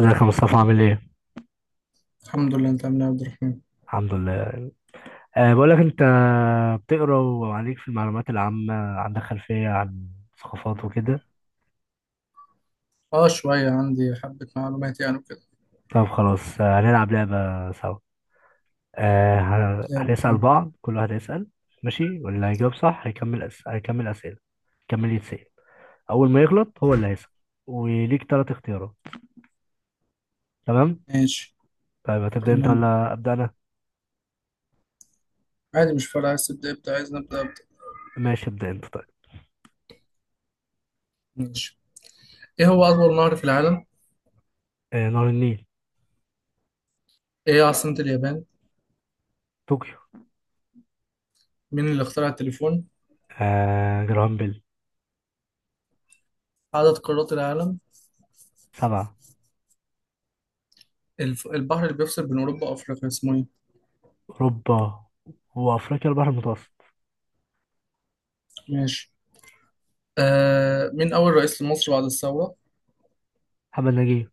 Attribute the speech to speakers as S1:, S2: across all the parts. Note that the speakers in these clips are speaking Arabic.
S1: ازيك يا مصطفى عامل ايه؟
S2: الحمد لله. انت عامل ايه يا عبد الرحمن؟
S1: الحمد لله. بقول لك انت بتقرا وعليك في المعلومات العامة، عندك خلفية عن ثقافات وكده.
S2: اه، شوية، عندي حبة معلومات يعني وكده.
S1: طب خلاص، هنلعب لعبة سوا.
S2: زي
S1: هنسأل بعض، كل واحد هيسأل. ماشي، واللي هيجاوب صح هيكمل هيكمل أسئلة، هيكمل يتسأل. أول ما يغلط هو اللي هيسأل، وليك تلات اختيارات. تمام؟
S2: ماشي.
S1: طيب هتبدأ انت
S2: تمام.
S1: ولا أبدأ أنا؟
S2: عادي، مش فارقة، عايز تبدأ ابدأ، عايز نبدأ ابدأ.
S1: ماشي ابدأ انت طيب.
S2: ماشي. ايه هو أطول نهر في العالم؟
S1: نهر النيل.
S2: ايه هي عاصمة اليابان؟
S1: طوكيو.
S2: مين اللي اخترع التليفون؟
S1: جرامبل.
S2: عدد قارات العالم؟
S1: سبعة.
S2: البحر اللي بيفصل بين أوروبا وأفريقيا اسمه ايه؟
S1: أوروبا وأفريقيا البحر المتوسط.
S2: ماشي. مين أول رئيس لمصر بعد الثورة؟
S1: محمد نجيب.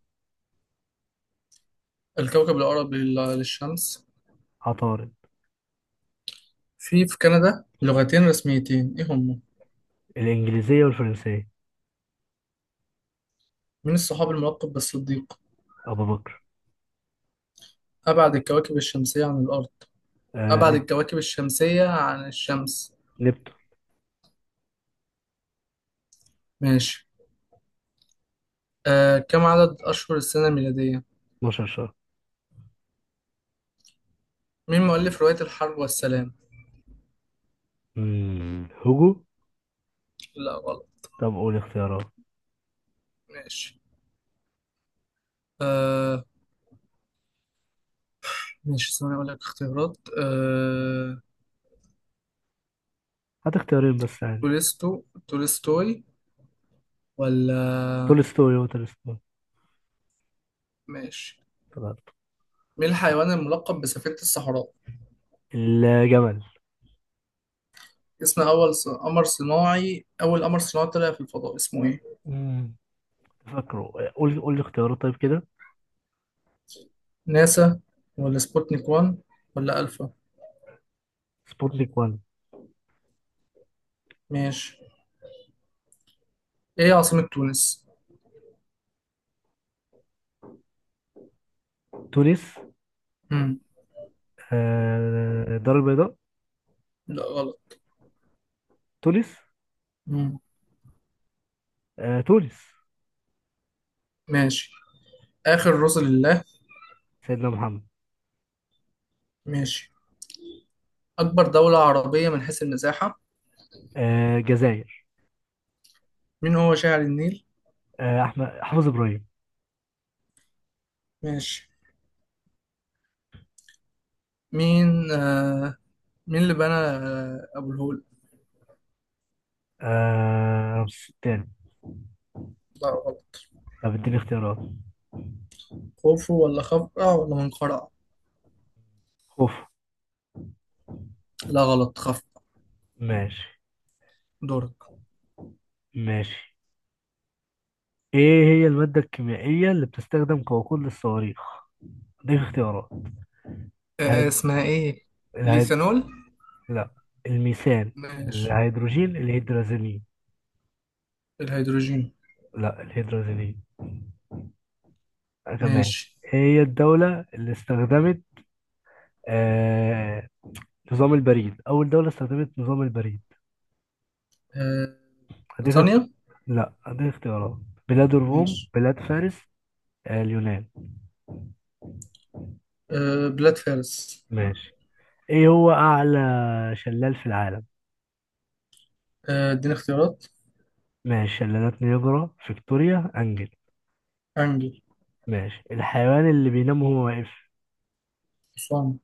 S2: الكوكب الأقرب للشمس؟
S1: عطارد.
S2: في كندا لغتين رسميتين، ايه هما؟
S1: الإنجليزية والفرنسية.
S2: مين الصحاب الملقب بالصديق؟
S1: أبو بكر.
S2: أبعد الكواكب الشمسية عن الأرض؟
S1: آه
S2: أبعد
S1: نب...
S2: الكواكب الشمسية عن الشمس؟
S1: نبتو.
S2: ماشي. كم عدد أشهر السنة الميلادية؟
S1: 12 شهر.
S2: مين مؤلف رواية الحرب والسلام؟
S1: هوجو.
S2: لا، غلط.
S1: طب قول اختيارات.
S2: ماشي. آه. ماشي، ثواني أقول لك اختيارات.
S1: هات اختيارين بس يعني.
S2: تولستوي ولا؟
S1: تولستوي هو تولستوي.
S2: ماشي.
S1: طلعت.
S2: مين الحيوان الملقب بسفينة الصحراء؟
S1: الجمل.
S2: اسم أول قمر صناعي، أول قمر صناعي طلع في الفضاء اسمه إيه؟
S1: مم. فاكره، قول لي اختيارات طيب كده.
S2: ناسا، ولا سبوتنيك 1، ولا ألفا؟
S1: سبوتنيك 1.
S2: ماشي. إيه عاصمة تونس؟
S1: تونس.
S2: مم.
S1: الدار البيضاء.
S2: لا، غلط.
S1: تونس.
S2: مم.
S1: تونس.
S2: ماشي. آخر رسل الله؟
S1: سيدنا محمد.
S2: ماشي. أكبر دولة عربية من حيث المساحة؟
S1: الجزائر.
S2: مين هو شاعر النيل؟
S1: احمد حافظ ابراهيم.
S2: ماشي. مين آه مين اللي بنى أبو الهول؟
S1: رمسيس الثاني.
S2: لا، غلط.
S1: طب اديني اختيارات.
S2: خوفو ولا خفرع ولا منقرع؟
S1: خوف.
S2: لا، غلط، خفرع.
S1: ماشي.
S2: دورك.
S1: ماشي، ايه هي المادة الكيميائية اللي بتستخدم كوقود للصواريخ؟ دي اختيارات. هيد...
S2: اسمها إيه؟
S1: الهيد...
S2: الإيثانول.
S1: لا الميثان.
S2: ماشي.
S1: الهيدروجين الهيدرازيلين.
S2: الهيدروجين.
S1: لا الهيدرازيلين. تمام.
S2: ماشي.
S1: إيه هي الدولة اللي استخدمت آه... نظام البريد؟ أول دولة استخدمت نظام البريد.
S2: آه،
S1: هديك
S2: بريطانيا.
S1: لا هديك اختيارات. بلاد الروم،
S2: ماشي.
S1: بلاد فارس. اليونان.
S2: آه، بلاد فارس.
S1: ماشي. ايه هو أعلى شلال في العالم؟
S2: آه، اديني اختيارات.
S1: ماشي، شلالات نياجرا، فيكتوريا، أنجل.
S2: أنجل.
S1: ماشي، الحيوان اللي بينام وهو واقف.
S2: حصان.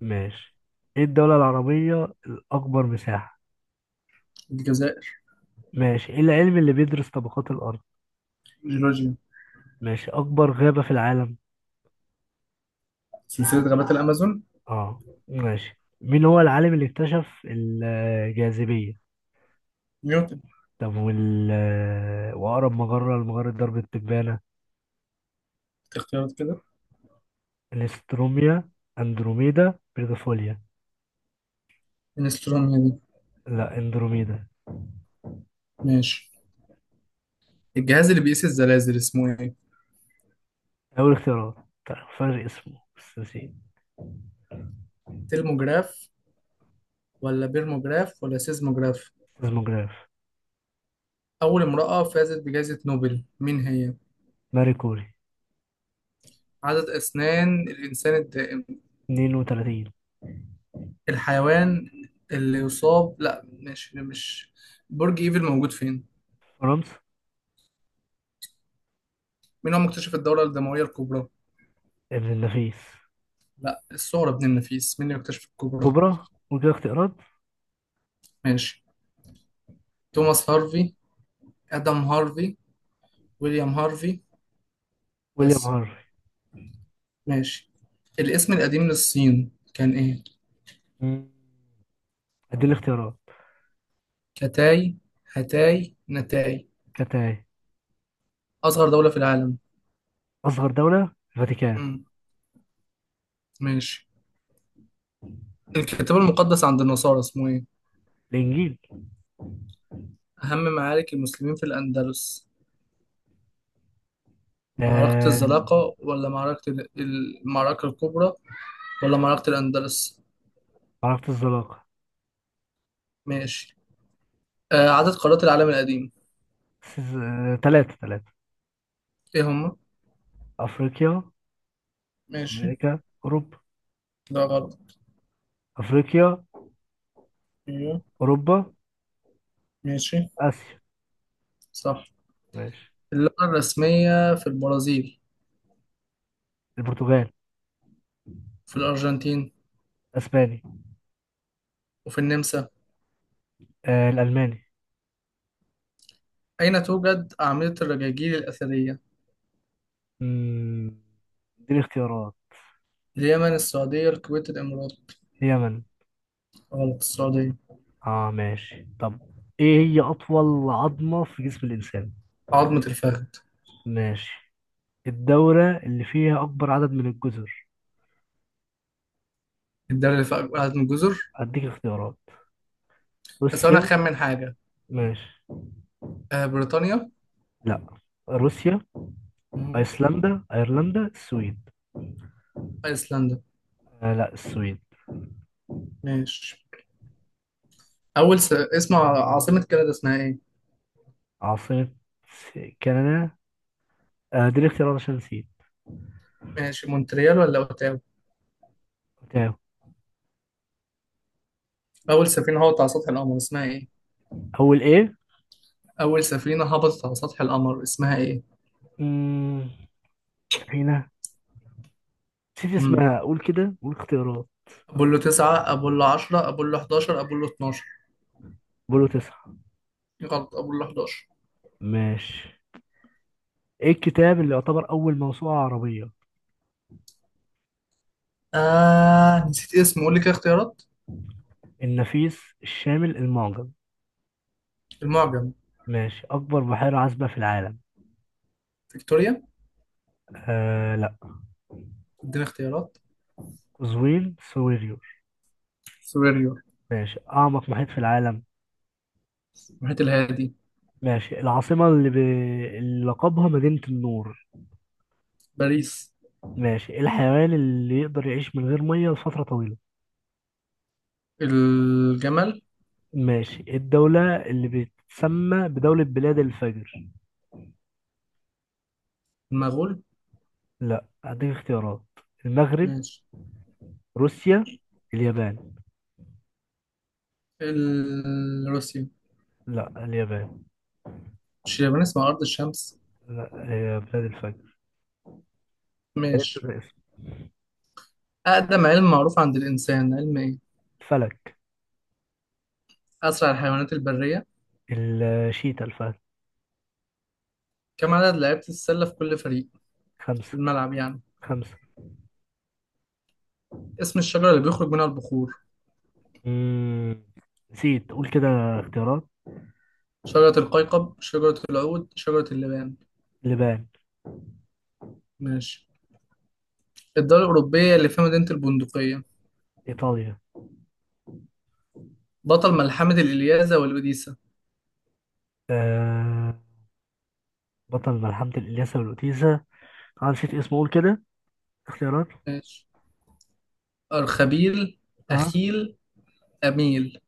S1: ماشي، ايه الدولة العربية الأكبر مساحة؟
S2: الجزائر.
S1: ماشي، ايه العلم اللي بيدرس طبقات الأرض؟
S2: جورجيا.
S1: ماشي، أكبر غابة في العالم.
S2: سلسلة غابات الأمازون.
S1: اه ماشي، مين هو العالم اللي اكتشف الجاذبية؟
S2: نيوتن.
S1: طب وأقرب مجرة لمجرة درب التبانة.
S2: اختيارات كده.
S1: الاستروميا، أندروميدا، بيرغفوليا.
S2: انستروم دي.
S1: لا أندروميدا.
S2: ماشي. الجهاز اللي بيقيس الزلازل اسمه ايه؟
S1: أول اختيارات. طيب، فرق اسمه بس نسيت.
S2: ترموجراف ولا بيرموجراف ولا سيزموجراف؟
S1: سيزموجراف.
S2: اول امرأة فازت بجائزة نوبل مين هي؟
S1: ماري كوري.
S2: عدد اسنان الانسان الدائم؟
S1: 32.
S2: الحيوان اللي يصاب، لا ماشي مش. برج ايفل موجود فين؟
S1: فرنسا.
S2: مين هو مكتشف الدورة الدموية الكبرى؟
S1: ابن النفيس.
S2: لا، الثغرة بن النفيس، مين اللي اكتشف الكبرى؟
S1: كوبرا، ودي اختيارات.
S2: ماشي. توماس هارفي، ادم هارفي، ويليام هارفي،
S1: ويليام
S2: بس.
S1: هنري.
S2: ماشي. الاسم القديم للصين كان إيه؟
S1: مم. ادي الاختيارات.
S2: كتاي، هتاي، نتاي؟
S1: كانت.
S2: أصغر دولة في العالم؟
S1: اصغر دولة الفاتيكان.
S2: مم. ماشي. الكتاب المقدس عند النصارى اسمه إيه؟
S1: الانجيل.
S2: أهم معارك المسلمين في الأندلس؟ معركة
S1: آه...
S2: الزلاقة، ولا المعركة الكبرى، ولا معركة الأندلس؟
S1: عرفت الزلاقة.
S2: ماشي. عدد قارات العالم القديم؟
S1: ثلاثة ثلاثة.
S2: إيه هما؟
S1: افريقيا.
S2: ماشي.
S1: امريكا. اوروبا.
S2: ده غلط.
S1: افريقيا.
S2: أيوه.
S1: اوروبا.
S2: ماشي.
S1: اسيا.
S2: صح.
S1: ماشي.
S2: اللغة الرسمية في البرازيل؟
S1: البرتغال.
S2: في الأرجنتين؟
S1: اسباني.
S2: وفي النمسا؟
S1: الالماني.
S2: أين توجد أعمدة الرجاجيل الأثرية؟
S1: مم، دي الاختيارات.
S2: اليمن، السعودية، الكويت، الإمارات؟
S1: اليمن.
S2: غلط، السعودية.
S1: اه ماشي طب، ايه هي اطول عظمة في جسم الانسان؟
S2: عظمة الفخذ.
S1: ماشي، الدولة اللي فيها أكبر عدد من الجزر.
S2: الدولة اللي فيها أعظم جزر.
S1: هديك اختيارات.
S2: بس أنا
S1: روسيا.
S2: أخمن حاجة.
S1: ماشي.
S2: آه، بريطانيا.
S1: لا روسيا.
S2: مم.
S1: أيسلندا، أيرلندا، السويد.
S2: أيسلندا.
S1: لا السويد.
S2: ماشي. اسم عاصمة كندا اسمها إيه؟
S1: عاصمة كندا. دي الاختيارات عشان نسيت.
S2: ماشي، مونتريال ولا أوتاوا؟
S1: تمام.
S2: أول سفينة هبطت على سطح القمر اسمها إيه؟
S1: أول إيه؟
S2: أول سفينة هبطت على سطح القمر اسمها إيه؟
S1: مم، سفينة. نسيت
S2: مم.
S1: اسمها، قول كده قول اختيارات.
S2: أبولو 9، أبولو 10، أبولو 11، أبولو 12؟
S1: بولو 9.
S2: غلط، أبولو 11.
S1: ماشي. إيه الكتاب اللي يعتبر أول موسوعة عربية؟
S2: آه، نسيت اسمه، قول لي كده اختيارات.
S1: النفيس، الشامل، المعجم.
S2: المعجم.
S1: ماشي، أكبر بحيرة عذبة في العالم.
S2: فيكتوريا.
S1: لا.
S2: ادينا اختيارات.
S1: قزوين، سويري.
S2: سوبريور.
S1: ماشي، أعمق محيط في العالم.
S2: المحيط الهادي.
S1: ماشي، العاصمة اللي لقبها مدينة النور.
S2: باريس.
S1: ماشي، الحيوان اللي يقدر يعيش من غير مية لفترة طويلة.
S2: الجمل.
S1: ماشي، الدولة اللي بتسمى بدولة بلاد الفجر.
S2: المغول.
S1: لا هديك اختيارات. المغرب.
S2: ماشي.
S1: روسيا. اليابان.
S2: روسيا.
S1: لا اليابان.
S2: مش اليابان اسمها أرض الشمس؟
S1: لا هي بلاد الفجر. عرفت
S2: ماشي.
S1: الاسم.
S2: أقدم علم معروف عند الإنسان علم إيه؟
S1: الفلك.
S2: أسرع الحيوانات البرية؟
S1: الشيتا الفلك.
S2: كم عدد لعيبة السلة في كل فريق؟ في
S1: خمسة.
S2: الملعب يعني.
S1: خمسة.
S2: اسم الشجرة اللي بيخرج منها البخور؟
S1: مم. نسيت، قول كده اختيارات.
S2: شجرة القيقب، شجرة العود، شجرة اللبان؟
S1: لبنان.
S2: ماشي. الدولة الأوروبية اللي فيها مدينة البندقية؟
S1: إيطاليا.
S2: بطل ملحمة الإلياذة والأوديسة؟
S1: آه. بطل ملحمة الإلياسة والأوتيسة، أنا نسيت اسمه قول كده اختيارات.
S2: ماشي. أرخبيل،
S1: ها.
S2: أخيل، أميل؟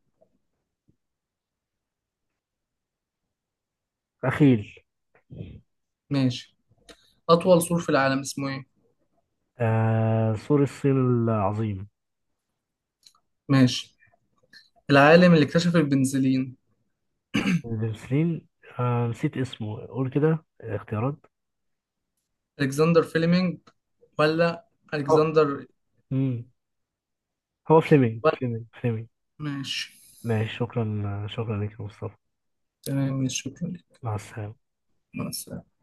S1: أخيل.
S2: ماشي. أطول سور في العالم اسمه إيه؟
S1: سور الصين العظيم.
S2: ماشي. العالم اللي اكتشف البنزلين؟
S1: السليم. نسيت اسمه قول كده اختيارات.
S2: ألكسندر فيلمينج، ولا
S1: هو.
S2: ألكسندر،
S1: مم. هو فليمنج،
S2: ولا؟
S1: فليمنج.
S2: ماشي.
S1: ماشي، شكرا لك يا مصطفى.
S2: تمام، ماشي، شكرا لك.
S1: مع السلامة.
S2: مع السلامة.